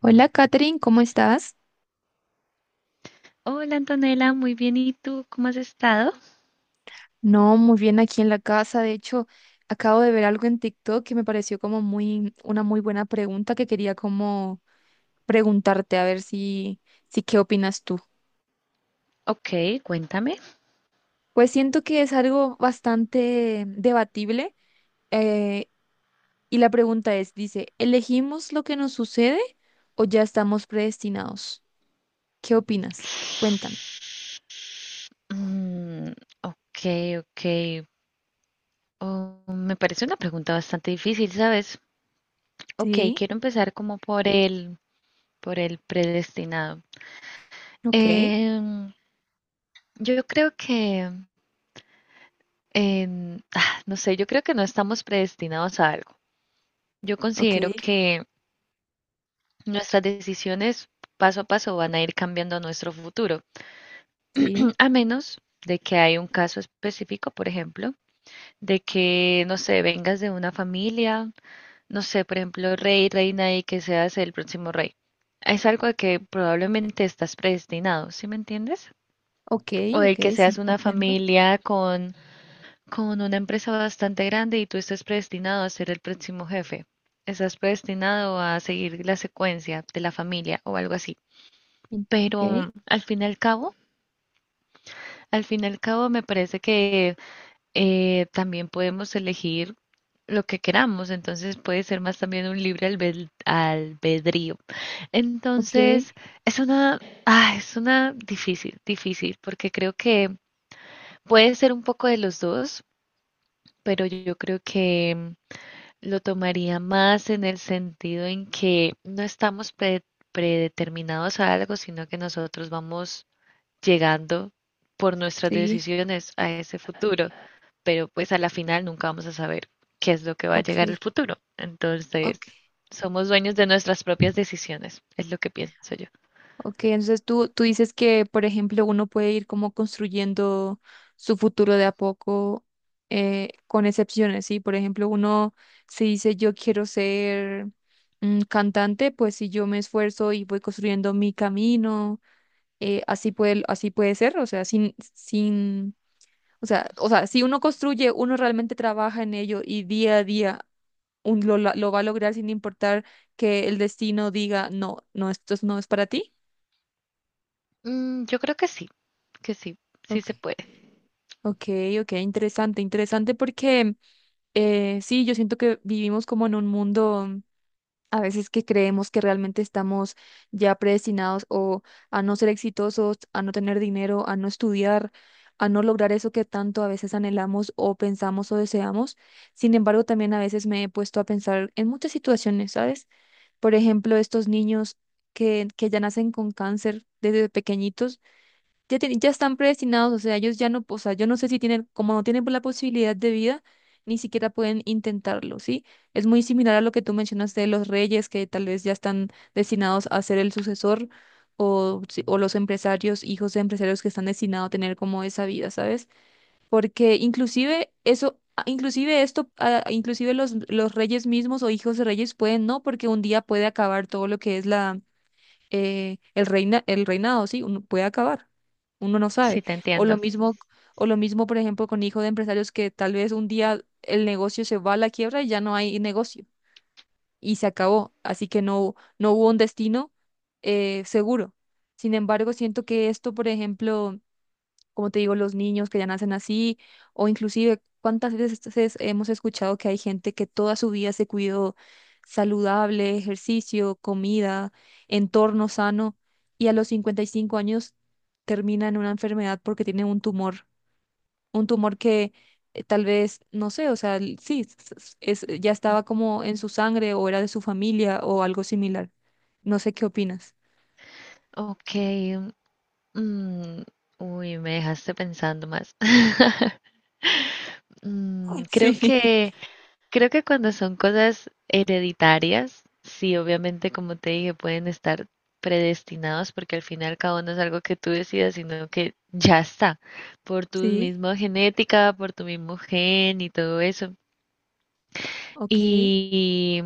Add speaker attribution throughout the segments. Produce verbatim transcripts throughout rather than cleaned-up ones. Speaker 1: Hola, Katherine, ¿cómo estás?
Speaker 2: Hola Antonella, muy bien. ¿Y tú cómo has estado?
Speaker 1: No, muy bien aquí en la casa. De hecho, acabo de ver algo en TikTok que me pareció como muy, una muy buena pregunta que quería como preguntarte a ver si, si qué opinas tú.
Speaker 2: Ok, cuéntame.
Speaker 1: Pues siento que es algo bastante debatible eh, y la pregunta es, dice, ¿elegimos lo que nos sucede o ya estamos predestinados? ¿Qué opinas? Cuéntame.
Speaker 2: Mm, ok, ok. Oh, me parece una pregunta bastante difícil, ¿sabes? Ok,
Speaker 1: Sí,
Speaker 2: quiero empezar como por el, por el predestinado.
Speaker 1: ok,
Speaker 2: Em, yo creo que, em, ah, no sé, yo creo que no estamos predestinados a algo. Yo
Speaker 1: ok,
Speaker 2: considero que nuestras decisiones paso a paso van a ir cambiando nuestro futuro.
Speaker 1: sí,
Speaker 2: A menos de que hay un caso específico, por ejemplo, de que, no sé, vengas de una familia, no sé, por ejemplo, rey, reina y que seas el próximo rey. Es algo de que probablemente estás predestinado, ¿sí me entiendes?
Speaker 1: ok,
Speaker 2: O de
Speaker 1: ok,
Speaker 2: que seas
Speaker 1: sí,
Speaker 2: una
Speaker 1: comprendo.
Speaker 2: familia con, con una empresa bastante grande y tú estés predestinado a ser el próximo jefe. Estás predestinado a seguir la secuencia de la familia o algo así.
Speaker 1: Mm. Ok.
Speaker 2: Pero al fin y al cabo, al fin y al cabo me parece que eh, también podemos elegir lo que queramos, entonces puede ser más también un libre albed- albedrío.
Speaker 1: Ok,
Speaker 2: Entonces, es una, ah, es una difícil, difícil, porque creo que puede ser un poco de los dos, pero yo creo que mm, lo tomaría más en el sentido en que no estamos pre- predeterminados a algo, sino que nosotros vamos llegando por nuestras
Speaker 1: sí,
Speaker 2: decisiones a ese futuro, pero pues a la final nunca vamos a saber qué es lo que va a
Speaker 1: ok,
Speaker 2: llegar el futuro. Entonces,
Speaker 1: ok,
Speaker 2: somos dueños de nuestras propias decisiones, es lo que pienso yo.
Speaker 1: ok. Entonces tú, tú dices que, por ejemplo, uno puede ir como construyendo su futuro de a poco, eh, con excepciones, ¿sí? Por ejemplo, uno se dice yo quiero ser mm, cantante, pues si yo me esfuerzo y voy construyendo mi camino, eh, así puede, así puede ser, o sea, sin, sin, o sea, o sea, si uno construye, uno realmente trabaja en ello y día a día un- lo, la- lo va a lograr sin importar que el destino diga, no, no, esto no es para ti.
Speaker 2: Mm, yo creo que sí, que sí, sí
Speaker 1: Ok,
Speaker 2: se puede.
Speaker 1: ok, ok, interesante, interesante porque eh, sí, yo siento que vivimos como en un mundo mm, a veces que creemos que realmente estamos ya predestinados o a no ser exitosos, a no tener dinero, a no estudiar, a no lograr eso que tanto a veces anhelamos o pensamos o deseamos. Sin embargo, también a veces me he puesto a pensar en muchas situaciones, ¿sabes? Por ejemplo, estos niños que, que ya nacen con cáncer desde pequeñitos, ya, tienen- ya están predestinados, o sea, ellos ya no, o sea, yo no sé si tienen, como no tienen la posibilidad de vida, ni siquiera pueden intentarlo, ¿sí? Es muy similar a lo que tú mencionaste de los reyes, que tal vez ya están destinados a ser el sucesor, o, si- o los empresarios, hijos de empresarios que están destinados a tener como esa vida, ¿sabes? Porque inclusive eso, ah, inclusive esto, ah, inclusive los, los reyes mismos o hijos de reyes pueden no, porque un día puede acabar todo lo que es la eh, el reina, el reinado, sí, uno puede acabar, uno no sabe.
Speaker 2: Sí te
Speaker 1: O lo
Speaker 2: entiendo.
Speaker 1: mismo, o lo mismo, por ejemplo, con hijo de empresarios que tal vez un día el negocio se va a la quiebra y ya no hay negocio y se acabó, así que no, no hubo un destino eh, seguro. Sin embargo, siento que esto, por ejemplo, como te digo, los niños que ya nacen así, o inclusive cuántas veces es- hemos escuchado que hay gente que toda su vida se cuidó saludable, ejercicio, comida, entorno sano, y a los cincuenta y cinco años termina en una enfermedad porque tiene un tumor, un tumor que eh, tal vez, no sé, o sea, l- sí, s- s- es, ya estaba como en su sangre o era de su familia o algo similar. No sé qué opinas.
Speaker 2: Ok. Mm, uy, me dejaste pensando más. Mm, creo
Speaker 1: Sí,
Speaker 2: que Creo que cuando son cosas hereditarias, sí, obviamente, como te dije, pueden estar predestinados porque al fin y al cabo no es algo que tú decidas, sino que ya está, por tu
Speaker 1: sí,
Speaker 2: misma genética, por tu mismo gen y todo eso.
Speaker 1: ok.
Speaker 2: Y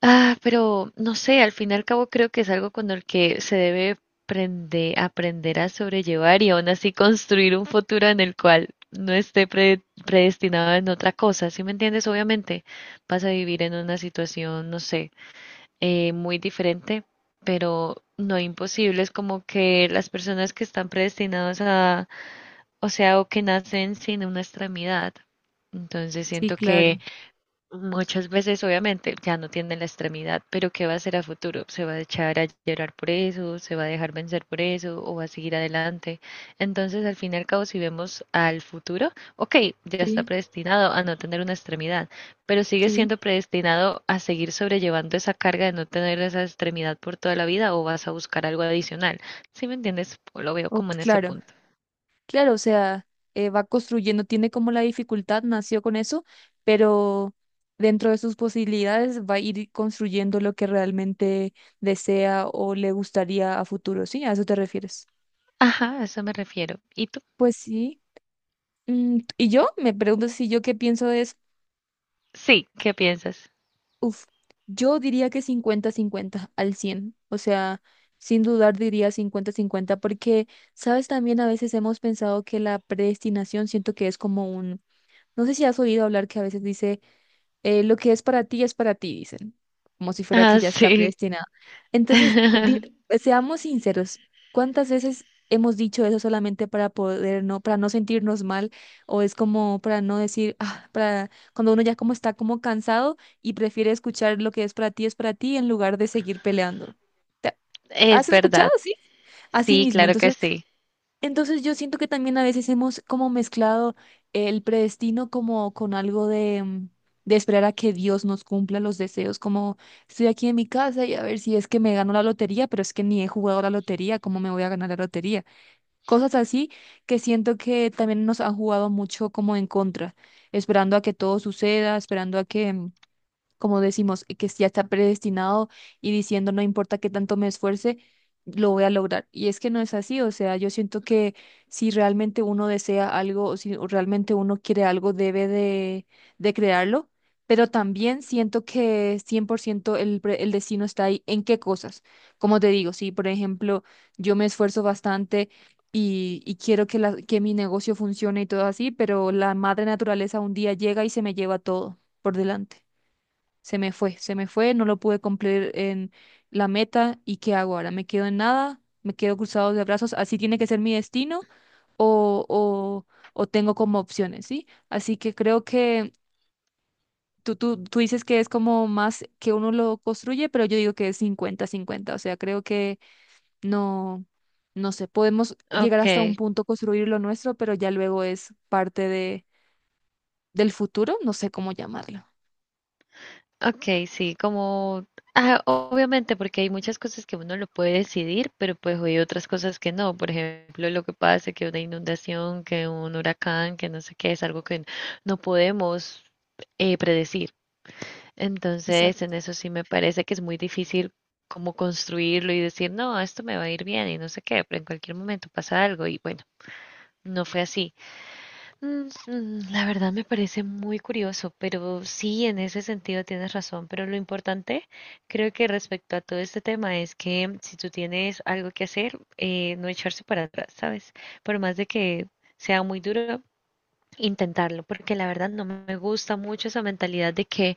Speaker 2: Ah, pero no sé, al fin y al cabo creo que es algo con el que se debe prende- aprender a sobrellevar y aún así construir un futuro en el cual no esté pre- predestinado en otra cosa, ¿sí me entiendes? Obviamente vas a vivir en una situación, no sé, eh, muy diferente, pero no imposible. Es como que las personas que están predestinadas a, o sea, o que nacen sin una extremidad. Entonces
Speaker 1: Sí,
Speaker 2: siento
Speaker 1: claro.
Speaker 2: que Muchas veces, obviamente, ya no tiene la extremidad, pero ¿qué va a hacer a futuro? ¿Se va a echar a llorar por eso? ¿Se va a dejar vencer por eso? ¿O va a seguir adelante? Entonces, al fin y al cabo, si vemos al futuro, ok, ya está
Speaker 1: Sí,
Speaker 2: predestinado a no tener una extremidad, pero sigue
Speaker 1: sí.
Speaker 2: siendo predestinado a seguir sobrellevando esa carga de no tener esa extremidad por toda la vida o vas a buscar algo adicional. ¿Sí me entiendes? Lo veo
Speaker 1: Oh,
Speaker 2: como en ese
Speaker 1: claro,
Speaker 2: punto.
Speaker 1: claro, o sea, eh, va construyendo, tiene como la dificultad, nació con eso, pero dentro de sus posibilidades va a ir construyendo lo que realmente desea o le gustaría a futuro, ¿sí? ¿A eso te refieres?
Speaker 2: Ajá, a eso me refiero. ¿Y tú?
Speaker 1: Pues sí. Mm, y yo me pregunto si yo qué pienso es,
Speaker 2: Sí, ¿qué piensas?
Speaker 1: uff, yo diría que cincuenta cincuenta al cien, o sea, sin dudar diría cincuenta cincuenta porque, sabes, también a veces hemos pensado que la predestinación siento que es como. No sé si has oído hablar que a veces dice, eh, lo que es para ti es para ti, dicen, como si fuera que
Speaker 2: Ah,
Speaker 1: ya está
Speaker 2: sí.
Speaker 1: predestinado. Entonces, di- eh, seamos sinceros, ¿cuántas veces hemos dicho eso solamente para poder no, para no sentirnos mal? O es como para no decir, ah, para cuando uno ya como está como cansado y prefiere escuchar lo que es para ti es para ti en lugar de seguir peleando. ¿Te-
Speaker 2: Es
Speaker 1: ¿Has escuchado?
Speaker 2: verdad,
Speaker 1: Sí. Así
Speaker 2: sí,
Speaker 1: mismo.
Speaker 2: claro que
Speaker 1: Entonces,
Speaker 2: sí.
Speaker 1: entonces yo siento que también a veces hemos como mezclado el predestino como con algo de, mm, de esperar a que Dios nos cumpla los deseos, como estoy aquí en mi casa y a ver si es que me gano la lotería, pero es que ni he jugado la lotería, ¿cómo me voy a ganar la lotería? Cosas así que siento que también nos han jugado mucho como en contra, esperando a que todo suceda, esperando a que... mm, como decimos, que ya está predestinado y diciendo no importa qué tanto me esfuerce, lo voy a lograr. Y es que no es así, o sea, yo siento que si realmente uno desea algo o si realmente uno quiere algo, debe de, de crearlo, pero también siento que cien por ciento el, pre- el destino está ahí. ¿En qué cosas? Como te digo, si por ejemplo yo me esfuerzo bastante. Y, y quiero que, la, que mi negocio funcione y todo así, pero la madre naturaleza un día llega y se me lleva todo por delante. Se me fue, se me fue, no lo pude cumplir en la meta y ¿qué hago ahora? ¿Me quedo en nada? ¿Me quedo cruzado de brazos? ¿Así tiene que ser mi destino? ¿O, o, o tengo como opciones? ¿Sí? Así que creo que tú, tú, tú dices que es como más que uno lo construye, pero yo digo que es cincuenta cincuenta, o sea, creo que no, no sé, podemos llegar
Speaker 2: Ok,
Speaker 1: hasta un punto, construir lo nuestro, pero ya luego es parte de, del futuro, no sé cómo llamarlo.
Speaker 2: ok, sí, como, ah, obviamente, porque hay muchas cosas que uno lo puede decidir, pero pues hay otras cosas que no. Por ejemplo, lo que pasa, que una inundación, que un huracán, que no sé qué, es algo que no podemos eh, predecir. Entonces, en
Speaker 1: Exacto.
Speaker 2: eso sí me parece que es muy difícil como construirlo y decir, no, esto me va a ir bien y no sé qué, pero en cualquier momento pasa algo y bueno, no fue así. Mm, mm, la verdad me parece muy curioso, pero sí, en ese sentido tienes razón. Pero lo importante, creo que respecto a todo este tema, es que si tú tienes algo que hacer, eh, no echarse para atrás, ¿sabes? Por más de que sea muy duro, intentarlo, porque la verdad no me gusta mucho esa mentalidad de que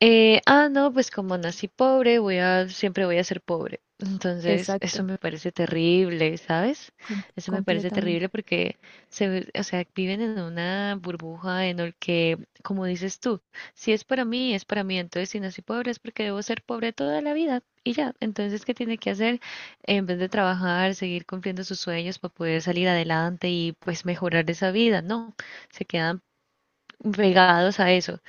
Speaker 2: eh, ah, no, pues como nací pobre, voy a, siempre voy a ser pobre. Entonces, eso
Speaker 1: Exacto.
Speaker 2: me parece terrible, ¿sabes?
Speaker 1: Com-
Speaker 2: Eso me parece
Speaker 1: completamente.
Speaker 2: terrible porque se, ve- o sea, viven en una burbuja en el que, como dices tú, si es para mí, es para mí. Entonces, si nací pobre es porque debo ser pobre toda la vida y ya. Entonces, ¿qué tiene que hacer? En vez de trabajar, seguir cumpliendo sus sueños para poder salir adelante y pues mejorar esa vida, no. Se quedan pegados a eso.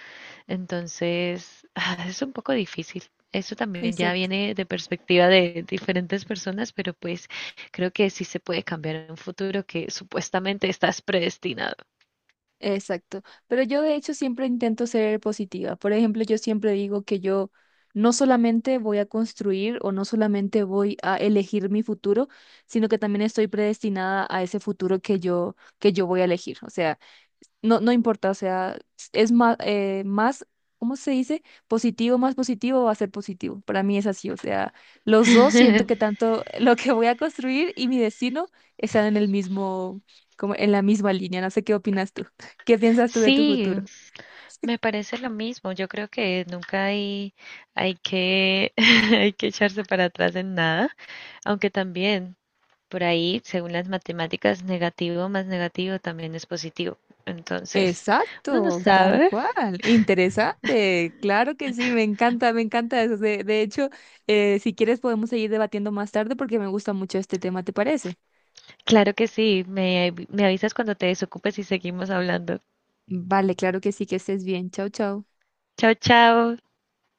Speaker 2: Entonces, ah, es un poco difícil. Eso también ya
Speaker 1: Exacto,
Speaker 2: viene de perspectiva de diferentes personas, pero pues creo que sí se puede cambiar en un futuro que supuestamente estás predestinado.
Speaker 1: exacto. Pero yo de hecho siempre intento ser positiva. Por ejemplo, yo siempre digo que yo no solamente voy a construir o no solamente voy a elegir mi futuro, sino que también estoy predestinada a ese futuro que yo que yo voy a elegir. O sea, no, no importa, o sea, es más, eh, más, ¿cómo se dice? Positivo, más positivo va a ser positivo. Para mí es así, o sea, los dos siento que tanto lo que voy a construir y mi destino están en el mismo, como en la misma línea. No sé qué opinas tú. ¿Qué piensas tú de tu
Speaker 2: Sí,
Speaker 1: futuro?
Speaker 2: me parece lo mismo. Yo creo que nunca hay, hay que, hay que echarse para atrás en nada, aunque también por ahí, según las matemáticas, negativo más negativo también es positivo. Entonces, uno no
Speaker 1: Exacto, tal
Speaker 2: sabe.
Speaker 1: cual. Interesante. Claro que sí, me encanta, me encanta eso. De, de hecho, eh, si quieres podemos seguir debatiendo más tarde porque me gusta mucho este tema, ¿te parece?
Speaker 2: Claro que sí, me, me avisas cuando te desocupes y seguimos hablando.
Speaker 1: Vale, claro que sí, que estés bien. Chao, chao.
Speaker 2: Chao, chao.